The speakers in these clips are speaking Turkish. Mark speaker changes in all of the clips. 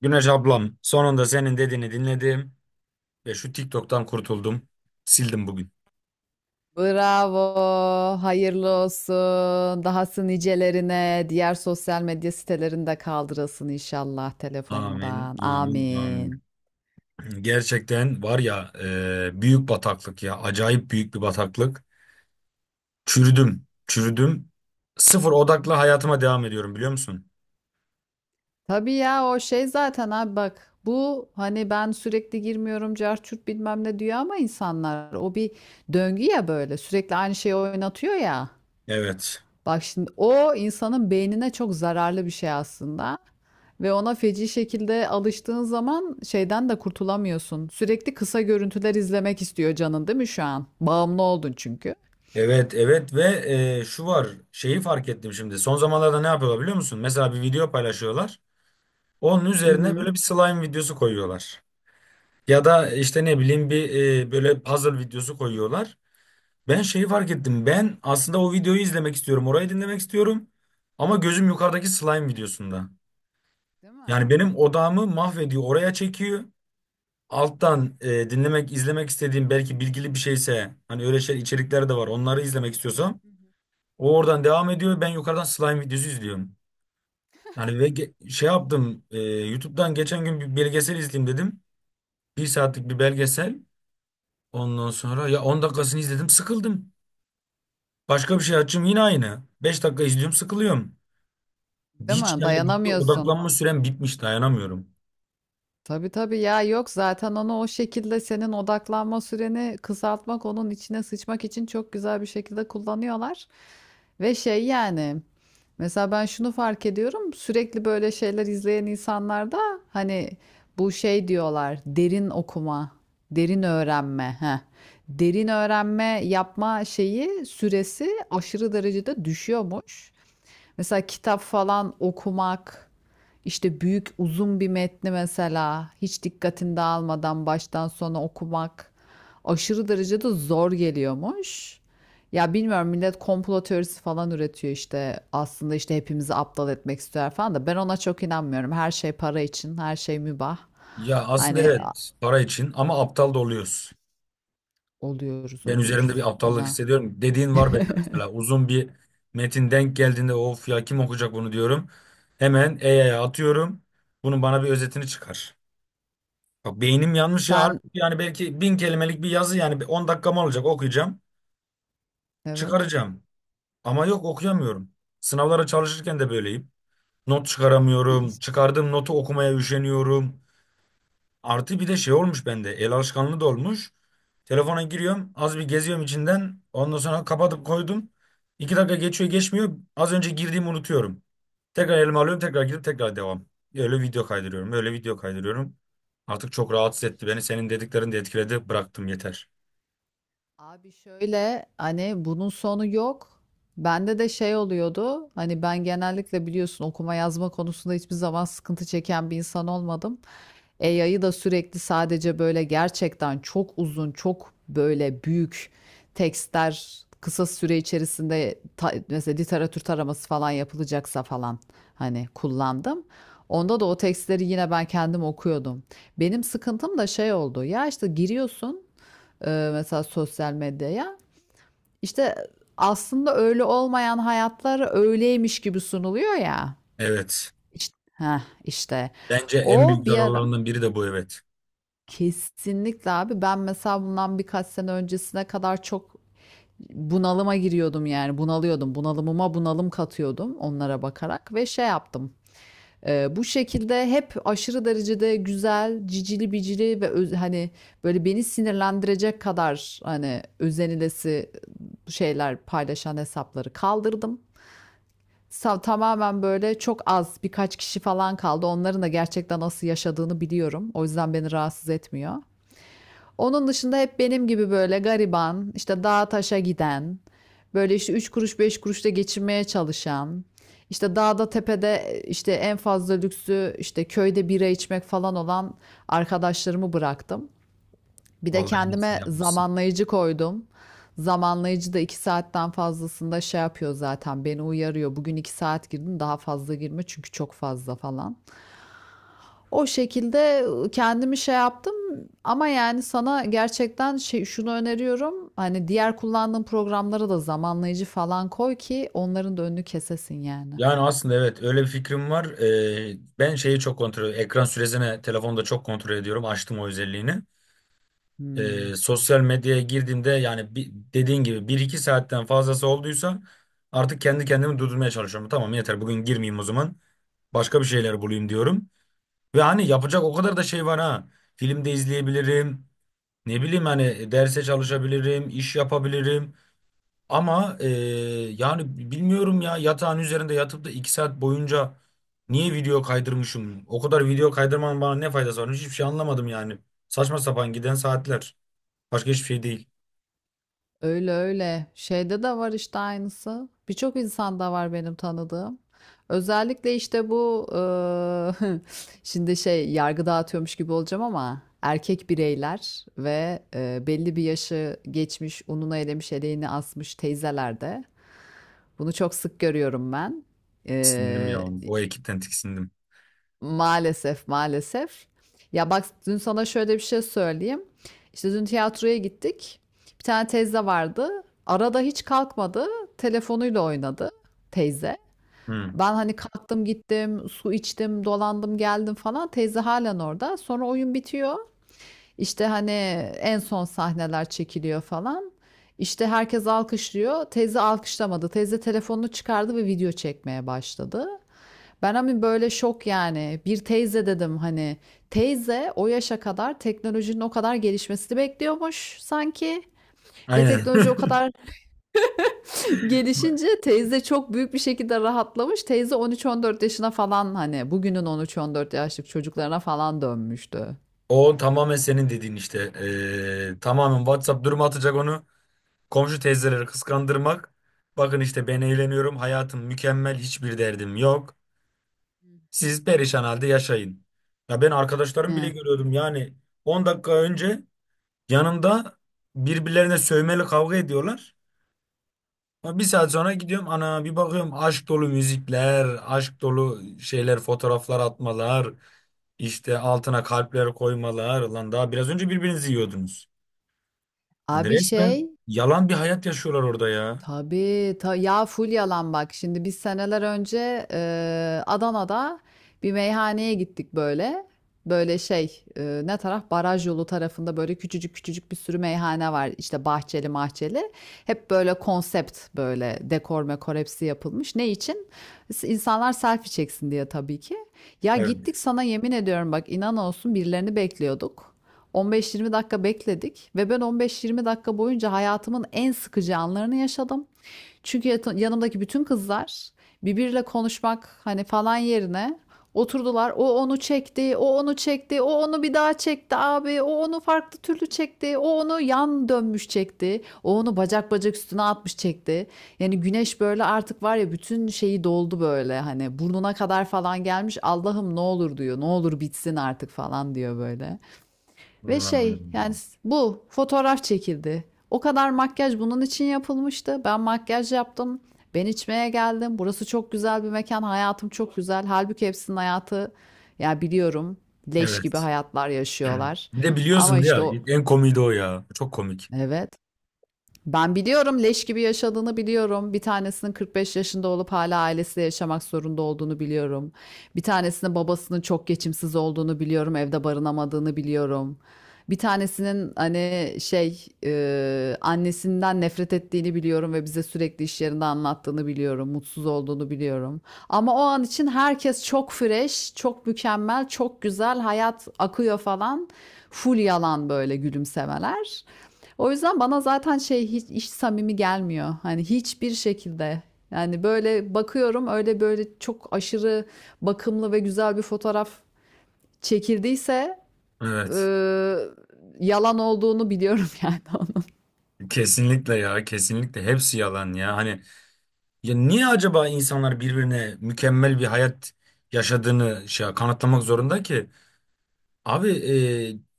Speaker 1: Güneş ablam, sonunda senin dediğini dinledim ve şu TikTok'tan kurtuldum. Sildim bugün.
Speaker 2: Bravo, hayırlı olsun. Dahası nicelerine, diğer sosyal medya sitelerinde kaldırılsın inşallah
Speaker 1: Amin,
Speaker 2: telefonundan.
Speaker 1: amin, amin.
Speaker 2: Amin.
Speaker 1: Gerçekten var ya, büyük bataklık ya. Acayip büyük bir bataklık. Çürüdüm, çürüdüm. Sıfır odaklı hayatıma devam ediyorum, biliyor musun?
Speaker 2: Tabii ya, o şey zaten abi, bak bu, hani ben sürekli girmiyorum, carçurt bilmem ne diyor ama insanlar o bir döngü ya, böyle sürekli aynı şeyi oynatıyor ya.
Speaker 1: Evet.
Speaker 2: Bak şimdi, o insanın beynine çok zararlı bir şey aslında. Ve ona feci şekilde alıştığın zaman şeyden de kurtulamıyorsun. Sürekli kısa görüntüler izlemek istiyor canın değil mi şu an? Bağımlı oldun çünkü.
Speaker 1: Evet, evet ve şu var. Şeyi fark ettim şimdi. Son zamanlarda ne yapıyorlar, biliyor musun? Mesela bir video paylaşıyorlar. Onun
Speaker 2: Hı
Speaker 1: üzerine
Speaker 2: hı.
Speaker 1: böyle bir slime videosu koyuyorlar. Ya da işte ne bileyim, bir böyle puzzle videosu koyuyorlar. Ben şeyi fark ettim. Ben aslında o videoyu izlemek istiyorum. Orayı dinlemek istiyorum. Ama gözüm yukarıdaki slime videosunda.
Speaker 2: Değil mi?
Speaker 1: Yani benim odağımı mahvediyor. Oraya çekiyor. Alttan dinlemek, izlemek istediğim belki bilgili bir şeyse, hani öyle şey içerikler de var. Onları izlemek istiyorsam o oradan devam ediyor. Ben yukarıdan slime videosu izliyorum. Yani ve şey yaptım. YouTube'dan geçen gün bir belgesel izleyeyim dedim. Bir saatlik bir belgesel. Ondan sonra ya 10 dakikasını izledim, sıkıldım. Başka bir şey
Speaker 2: Ya.
Speaker 1: açayım, yine aynı. Beş dakika izliyorum, sıkılıyorum.
Speaker 2: Değil
Speaker 1: Hiç
Speaker 2: mi?
Speaker 1: yani bir şeye
Speaker 2: Dayanamıyorsun.
Speaker 1: odaklanma sürem bitmiş, dayanamıyorum.
Speaker 2: Tabii tabii ya, yok zaten onu o şekilde senin odaklanma süreni kısaltmak, onun içine sıçmak için çok güzel bir şekilde kullanıyorlar. Ve şey, yani mesela ben şunu fark ediyorum, sürekli böyle şeyler izleyen insanlarda hani bu şey diyorlar, derin okuma, derin öğrenme. Heh. Derin öğrenme yapma şeyi süresi aşırı derecede düşüyormuş. Mesela kitap falan okumak, işte büyük uzun bir metni mesela hiç dikkatini dağılmadan baştan sona okumak aşırı derecede zor geliyormuş. Ya bilmiyorum, millet komplo teorisi falan üretiyor işte, aslında işte hepimizi aptal etmek istiyor falan da ben ona çok inanmıyorum. Her şey para için, her şey mübah.
Speaker 1: Ya aslında,
Speaker 2: Hani
Speaker 1: evet.
Speaker 2: a-
Speaker 1: Evet, para için ama aptal da oluyoruz.
Speaker 2: Oluyoruz,
Speaker 1: Ben üzerimde bir
Speaker 2: oluyoruz
Speaker 1: aptallık
Speaker 2: ona.
Speaker 1: hissediyorum. Dediğin var bende, mesela uzun bir metin denk geldiğinde of ya, kim okuyacak bunu diyorum. Hemen AI'ya atıyorum. Bunun bana bir özetini çıkar. Bak beynim yanmış ya.
Speaker 2: Sen,
Speaker 1: Halbuki yani belki 1000 kelimelik bir yazı, yani bir 10 dakikam olacak, okuyacağım.
Speaker 2: evet.
Speaker 1: Çıkaracağım. Ama yok, okuyamıyorum. Sınavlara çalışırken de böyleyim. Not çıkaramıyorum. Çıkardığım notu okumaya üşeniyorum. Artı bir de şey olmuş bende. El alışkanlığı da olmuş. Telefona giriyorum. Az bir geziyorum içinden. Ondan sonra kapatıp koydum. 2 dakika geçiyor geçmiyor. Az önce girdiğimi unutuyorum. Tekrar elime alıyorum. Tekrar girip tekrar devam. Öyle video kaydırıyorum. Öyle video kaydırıyorum. Artık çok rahatsız etti beni. Senin dediklerin de etkiledi. Bıraktım, yeter.
Speaker 2: Abi şöyle, hani bunun sonu yok. Bende de şey oluyordu. Hani ben genellikle biliyorsun, okuma yazma konusunda hiçbir zaman sıkıntı çeken bir insan olmadım. AI'yı da sürekli sadece, böyle gerçekten çok uzun, çok böyle büyük tekstler kısa süre içerisinde mesela literatür taraması falan yapılacaksa falan, hani kullandım. Onda da o tekstleri yine ben kendim okuyordum. Benim sıkıntım da şey oldu. Ya işte giriyorsun mesela sosyal medyaya. İşte aslında öyle olmayan hayatlar öyleymiş gibi sunuluyor ya.
Speaker 1: Evet.
Speaker 2: İşte, heh, işte
Speaker 1: Bence en
Speaker 2: o
Speaker 1: büyük
Speaker 2: bir ara,
Speaker 1: zararlarından biri de bu, evet.
Speaker 2: kesinlikle abi, ben mesela bundan birkaç sene öncesine kadar çok bunalıma giriyordum, yani bunalıyordum, bunalımıma bunalım katıyordum onlara bakarak ve şey yaptım. Bu şekilde hep aşırı derecede güzel, cicili bicili ve hani böyle beni sinirlendirecek kadar, hani özenilesi şeyler paylaşan hesapları kaldırdım. Tamamen böyle çok az, birkaç kişi falan kaldı. Onların da gerçekten nasıl yaşadığını biliyorum. O yüzden beni rahatsız etmiyor. Onun dışında hep benim gibi böyle gariban, işte dağa taşa giden, böyle işte 3 kuruş 5 kuruşla geçinmeye çalışan, işte dağda tepede işte en fazla lüksü işte köyde bira içmek falan olan arkadaşlarımı bıraktım. Bir de
Speaker 1: Vallahi en iyisini
Speaker 2: kendime
Speaker 1: yapmışsın.
Speaker 2: zamanlayıcı koydum. Zamanlayıcı da 2 saatten fazlasında şey yapıyor zaten, beni uyarıyor. Bugün 2 saat girdin, daha fazla girme çünkü çok fazla falan. O şekilde kendimi şey yaptım, ama yani sana gerçekten şey, şunu öneriyorum. Hani diğer kullandığın programlara da zamanlayıcı falan koy ki onların da önünü kesesin yani.
Speaker 1: Yani aslında evet, öyle bir fikrim var. Ben şeyi çok kontrol, ekran süresini telefonda çok kontrol ediyorum. Açtım o özelliğini.
Speaker 2: Hmm.
Speaker 1: Sosyal medyaya girdiğimde, yani bir, dediğin gibi bir iki saatten fazlası olduysa, artık kendi kendimi durdurmaya çalışıyorum. Tamam, yeter, bugün girmeyeyim o zaman. Başka bir şeyler bulayım diyorum. Ve hani yapacak o kadar da şey var ha. Film de izleyebilirim. Ne bileyim, hani derse çalışabilirim, iş yapabilirim. Ama yani bilmiyorum ya, yatağın üzerinde yatıp da 2 saat boyunca niye video kaydırmışım? O kadar video kaydırmanın bana ne faydası var? Hiçbir şey anlamadım yani. Saçma sapan giden saatler. Başka hiçbir şey değil.
Speaker 2: Öyle öyle. Şeyde de var işte aynısı. Birçok insanda var benim tanıdığım. Özellikle işte bu şimdi şey, yargı dağıtıyormuş gibi olacağım ama erkek bireyler ve belli bir yaşı geçmiş, ununu elemiş eleğini asmış teyzelerde. Bunu çok sık görüyorum ben.
Speaker 1: Tiksindim ya.
Speaker 2: Ee,
Speaker 1: O ekipten tiksindim.
Speaker 2: Maalesef, maalesef. Ya bak, dün sana şöyle bir şey söyleyeyim. İşte dün tiyatroya gittik. Bir tane teyze vardı. Arada hiç kalkmadı. Telefonuyla oynadı teyze.
Speaker 1: Hı.
Speaker 2: Ben hani kalktım gittim, su içtim, dolandım geldim falan. Teyze halen orada. Sonra oyun bitiyor. İşte hani en son sahneler çekiliyor falan. İşte herkes alkışlıyor. Teyze alkışlamadı. Teyze telefonunu çıkardı ve video çekmeye başladı. Ben hani böyle şok yani. Bir teyze dedim hani. Teyze o yaşa kadar teknolojinin o kadar gelişmesini bekliyormuş sanki. Ve
Speaker 1: Aynen.
Speaker 2: teknoloji o kadar gelişince teyze çok büyük bir şekilde rahatlamış. Teyze 13-14 yaşına falan, hani bugünün 13-14 yaşlık çocuklarına falan dönmüştü.
Speaker 1: O tamamen senin dediğin işte. Tamamen WhatsApp durumu atacak onu. Komşu teyzeleri kıskandırmak. Bakın işte ben eğleniyorum. Hayatım mükemmel. Hiçbir derdim yok. Siz perişan halde yaşayın. Ya, ben arkadaşlarım bile
Speaker 2: He.
Speaker 1: görüyordum yani, 10 dakika önce yanımda birbirlerine sövmeli kavga ediyorlar. Ama bir saat sonra gidiyorum, ana bir bakıyorum, aşk dolu müzikler, aşk dolu şeyler, fotoğraflar atmalar, işte altına kalpler koymalar. Lan, daha biraz önce birbirinizi yiyordunuz. Yani
Speaker 2: Abi
Speaker 1: resmen
Speaker 2: şey,
Speaker 1: yalan bir hayat yaşıyorlar orada ya.
Speaker 2: tabii, ya full yalan bak. Şimdi biz seneler önce Adana'da bir meyhaneye gittik böyle. Böyle şey, ne taraf, baraj yolu tarafında böyle küçücük küçücük bir sürü meyhane var. İşte bahçeli mahçeli. Hep böyle konsept, böyle dekor mekor hepsi yapılmış. Ne için? İnsanlar selfie çeksin diye tabii ki. Ya gittik,
Speaker 1: Evet.
Speaker 2: sana yemin ediyorum bak, inan olsun, birilerini bekliyorduk. 15-20 dakika bekledik ve ben 15-20 dakika boyunca hayatımın en sıkıcı anlarını yaşadım. Çünkü yanımdaki bütün kızlar birbiriyle konuşmak hani falan yerine oturdular. O onu çekti, o onu çekti, o onu bir daha çekti abi, o onu farklı türlü çekti, o onu yan dönmüş çekti, o onu bacak bacak üstüne atmış çekti. Yani Güneş böyle artık var ya, bütün şeyi doldu böyle, hani burnuna kadar falan gelmiş. Allah'ım ne olur diyor, ne olur bitsin artık falan diyor böyle. Ve şey yani
Speaker 1: Hmm.
Speaker 2: bu fotoğraf çekildi. O kadar makyaj bunun için yapılmıştı. Ben makyaj yaptım. Ben içmeye geldim. Burası çok güzel bir mekan. Hayatım çok güzel. Halbuki hepsinin hayatı, ya biliyorum, leş gibi
Speaker 1: Evet.
Speaker 2: hayatlar yaşıyorlar.
Speaker 1: Bir de
Speaker 2: Ama
Speaker 1: biliyorsun
Speaker 2: işte
Speaker 1: ya,
Speaker 2: o,
Speaker 1: en komiği de o ya. Çok komik.
Speaker 2: evet, ben biliyorum, leş gibi yaşadığını biliyorum. Bir tanesinin 45 yaşında olup hala ailesiyle yaşamak zorunda olduğunu biliyorum. Bir tanesinin babasının çok geçimsiz olduğunu biliyorum, evde barınamadığını biliyorum. Bir tanesinin hani şey, annesinden nefret ettiğini biliyorum ve bize sürekli iş yerinde anlattığını biliyorum, mutsuz olduğunu biliyorum. Ama o an için herkes çok fresh, çok mükemmel, çok güzel, hayat akıyor falan. Full yalan böyle gülümsemeler. O yüzden bana zaten şey, hiç, hiç samimi gelmiyor. Hani hiçbir şekilde. Yani böyle bakıyorum, öyle böyle çok aşırı bakımlı ve güzel bir fotoğraf çekildiyse, eee,
Speaker 1: Evet.
Speaker 2: yalan olduğunu biliyorum yani onun.
Speaker 1: Kesinlikle ya, kesinlikle hepsi yalan ya, hani ya niye acaba insanlar birbirine mükemmel bir hayat yaşadığını şey kanıtlamak zorunda ki abi?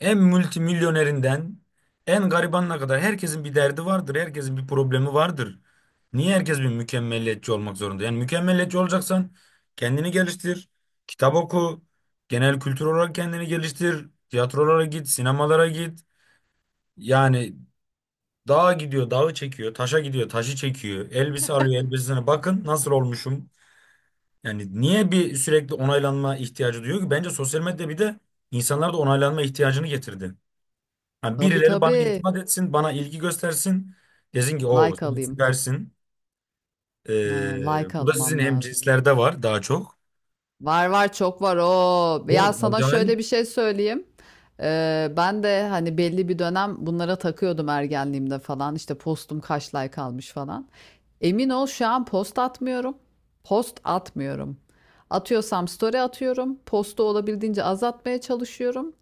Speaker 1: En multimilyonerinden en garibanına kadar herkesin bir derdi vardır, herkesin bir problemi vardır. Niye herkes bir mükemmeliyetçi olmak zorunda? Yani mükemmeliyetçi olacaksan, kendini geliştir, kitap oku, genel kültür olarak kendini geliştir, tiyatrolara git, sinemalara git. Yani dağa gidiyor, dağı çekiyor. Taşa gidiyor, taşı çekiyor. Elbise alıyor, elbisesine bakın nasıl olmuşum. Yani niye bir sürekli onaylanma ihtiyacı duyuyor ki? Bence sosyal medya bir de insanlarda onaylanma ihtiyacını getirdi. Yani
Speaker 2: Tabii
Speaker 1: birileri bana
Speaker 2: tabii.
Speaker 1: iltifat etsin, bana ilgi göstersin. Desin ki o,
Speaker 2: Like
Speaker 1: sen
Speaker 2: alayım.
Speaker 1: süpersin.
Speaker 2: Aynen, like
Speaker 1: Bu da sizin
Speaker 2: almam lazım.
Speaker 1: hemcinslerde var daha çok.
Speaker 2: Var var, çok var o. Ya
Speaker 1: Bu
Speaker 2: sana şöyle
Speaker 1: acayip
Speaker 2: bir şey söyleyeyim. Ben de hani belli bir dönem bunlara takıyordum, ergenliğimde falan. İşte postum kaç like almış falan. Emin ol, şu an post atmıyorum. Post atmıyorum. Atıyorsam story atıyorum. Postu olabildiğince azaltmaya çalışıyorum.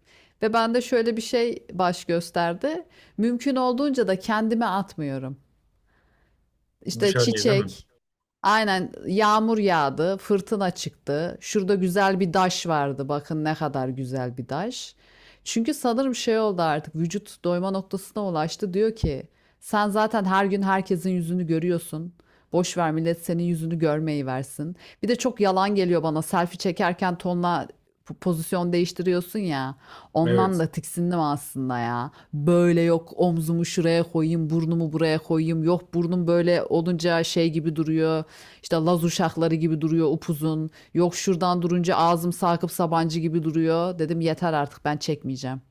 Speaker 2: Ve bende şöyle bir şey baş gösterdi. Mümkün olduğunca da kendime atmıyorum. İşte
Speaker 1: dışarıya, değil mi?
Speaker 2: çiçek, aynen, yağmur yağdı, fırtına çıktı. Şurada güzel bir daş vardı. Bakın ne kadar güzel bir daş. Çünkü sanırım şey oldu, artık vücut doyma noktasına ulaştı. Diyor ki sen zaten her gün herkesin yüzünü görüyorsun. Boş ver, millet senin yüzünü görmeyi versin. Bir de çok yalan geliyor bana. Selfie çekerken tonla pozisyon değiştiriyorsun ya. Ondan
Speaker 1: Evet.
Speaker 2: da tiksindim aslında ya. Böyle, yok omzumu şuraya koyayım, burnumu buraya koyayım. Yok, burnum böyle olunca şey gibi duruyor. İşte Laz uşakları gibi duruyor upuzun. Yok, şuradan durunca ağzım Sakıp Sabancı gibi duruyor. Dedim yeter artık, ben çekmeyeceğim.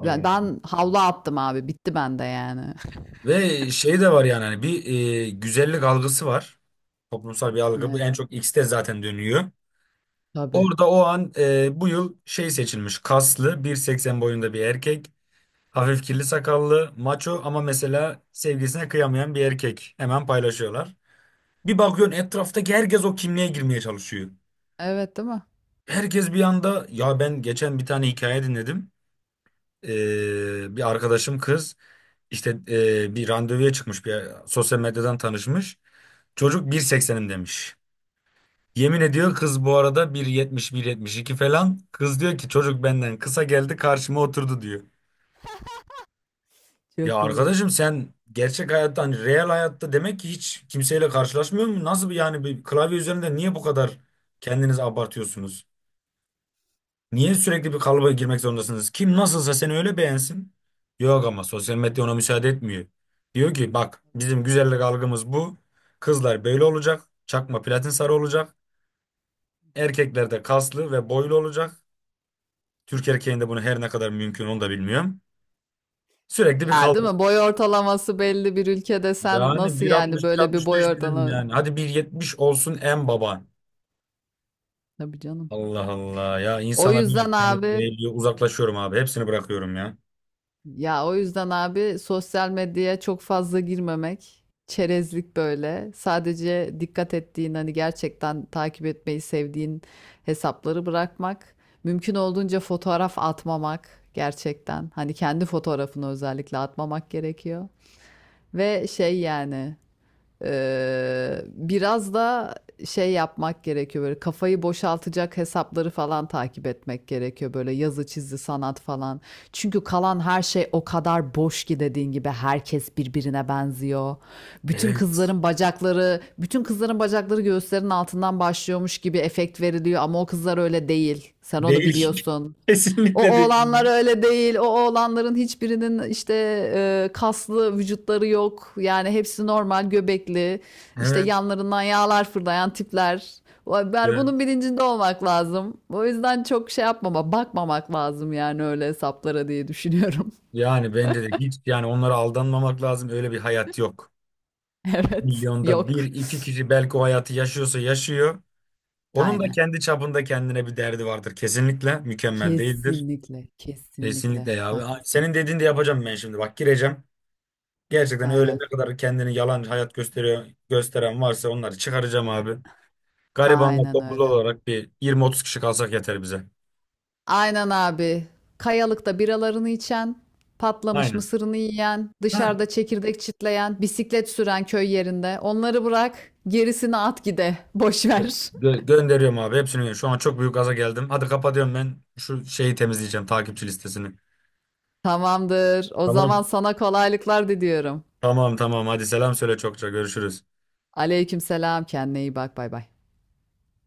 Speaker 2: Ben, ben havlu attım abi. Bitti bende yani.
Speaker 1: Ve şey de var yani, hani bir güzellik algısı var. Toplumsal bir algı. Bu en
Speaker 2: Evet,
Speaker 1: çok X'te zaten dönüyor.
Speaker 2: tabii.
Speaker 1: Orada o an bu yıl şey seçilmiş. Kaslı, 1.80 boyunda bir erkek. Hafif kirli sakallı, maço ama mesela sevgilisine kıyamayan bir erkek. Hemen paylaşıyorlar. Bir bakıyorsun etraftaki herkes o kimliğe girmeye çalışıyor.
Speaker 2: Evet, değil mi?
Speaker 1: Herkes bir anda, ya ben geçen bir tane hikaye dinledim. Bir arkadaşım kız işte bir randevuya çıkmış, bir sosyal medyadan tanışmış. Çocuk 1.80'im demiş. Yemin ediyor kız bu arada, 171 iki falan. Kız diyor ki çocuk benden kısa geldi, karşıma oturdu diyor. Ya
Speaker 2: Çok iyi.
Speaker 1: arkadaşım, sen gerçek hayatta, hani real hayatta demek ki hiç kimseyle karşılaşmıyor mu? Nasıl bir yani, bir klavye üzerinde niye bu kadar kendinizi abartıyorsunuz? Niye sürekli bir kalıba girmek zorundasınız? Kim nasılsa seni öyle beğensin. Yok ama sosyal medya ona müsaade etmiyor. Diyor ki bak, bizim güzellik algımız bu. Kızlar böyle olacak. Çakma platin sarı olacak. Erkekler de kaslı ve boylu olacak. Türk erkeğinde bunu her ne kadar mümkün, onu da bilmiyorum. Sürekli bir
Speaker 2: Ya değil
Speaker 1: kavga.
Speaker 2: mi? Boy ortalaması belli bir ülkede sen
Speaker 1: Yani
Speaker 2: nasıl yani
Speaker 1: 1.60
Speaker 2: böyle bir boy
Speaker 1: 1.65 bizim
Speaker 2: ortalaması?
Speaker 1: yani. Hadi 1.70 olsun en baban.
Speaker 2: Tabii canım.
Speaker 1: Allah Allah ya,
Speaker 2: O
Speaker 1: insana böyle
Speaker 2: yüzden
Speaker 1: kendimi
Speaker 2: abi,
Speaker 1: değiliyor. Uzaklaşıyorum abi. Hepsini bırakıyorum ya.
Speaker 2: ya o yüzden abi, sosyal medyaya çok fazla girmemek, çerezlik böyle. Sadece dikkat ettiğin, hani gerçekten takip etmeyi sevdiğin hesapları bırakmak. Mümkün olduğunca fotoğraf atmamak gerçekten. Hani kendi fotoğrafını özellikle atmamak gerekiyor. Ve şey yani, biraz da şey yapmak gerekiyor, böyle kafayı boşaltacak hesapları falan takip etmek gerekiyor, böyle yazı çizgi sanat falan. Çünkü kalan her şey o kadar boş ki, dediğin gibi herkes birbirine benziyor. Bütün
Speaker 1: Evet.
Speaker 2: kızların bacakları, bütün kızların bacakları göğüslerin altından başlıyormuş gibi efekt veriliyor ama o kızlar öyle değil. Sen onu
Speaker 1: Değil.
Speaker 2: biliyorsun. O
Speaker 1: Kesinlikle değil.
Speaker 2: oğlanlar
Speaker 1: Yani.
Speaker 2: öyle değil. O oğlanların hiçbirinin işte kaslı vücutları yok. Yani hepsi normal göbekli. İşte
Speaker 1: Evet.
Speaker 2: yanlarından yağlar fırlayan tipler. Ben
Speaker 1: Evet.
Speaker 2: bunun bilincinde olmak lazım. O yüzden çok şey yapmama, bakmamak lazım yani öyle hesaplara diye düşünüyorum.
Speaker 1: Yani bence de hiç yani onlara aldanmamak lazım. Öyle bir hayat yok.
Speaker 2: Evet,
Speaker 1: Milyonda bir
Speaker 2: yok.
Speaker 1: iki kişi belki o hayatı yaşıyorsa yaşıyor. Onun da
Speaker 2: Aynen.
Speaker 1: kendi çapında kendine bir derdi vardır. Kesinlikle mükemmel değildir.
Speaker 2: Kesinlikle,
Speaker 1: Kesinlikle
Speaker 2: kesinlikle
Speaker 1: ya, abi. Ay,
Speaker 2: haklısın.
Speaker 1: senin dediğini de yapacağım ben şimdi. Bak gireceğim. Gerçekten öyle, ne
Speaker 2: Aynen.
Speaker 1: kadar kendini yalan hayat gösteriyor, gösteren varsa, onları çıkaracağım abi. Garibanla
Speaker 2: Aynen
Speaker 1: topluluğu
Speaker 2: öyle.
Speaker 1: olarak bir 20-30 kişi kalsak yeter bize.
Speaker 2: Aynen abi. Kayalıkta biralarını içen, patlamış
Speaker 1: Aynen.
Speaker 2: mısırını yiyen,
Speaker 1: Heh.
Speaker 2: dışarıda çekirdek çitleyen, bisiklet süren köy yerinde. Onları bırak, gerisini at gide. Boş ver.
Speaker 1: Gönderiyorum abi hepsini. Gönderiyorum. Şu an çok büyük gaza geldim. Hadi kapatıyorum ben, şu şeyi temizleyeceğim, takipçi listesini.
Speaker 2: Tamamdır. O zaman
Speaker 1: Tamam.
Speaker 2: sana kolaylıklar diliyorum.
Speaker 1: Tamam, tamam, hadi selam söyle, çokça görüşürüz.
Speaker 2: Aleykümselam. Kendine iyi bak. Bay bay.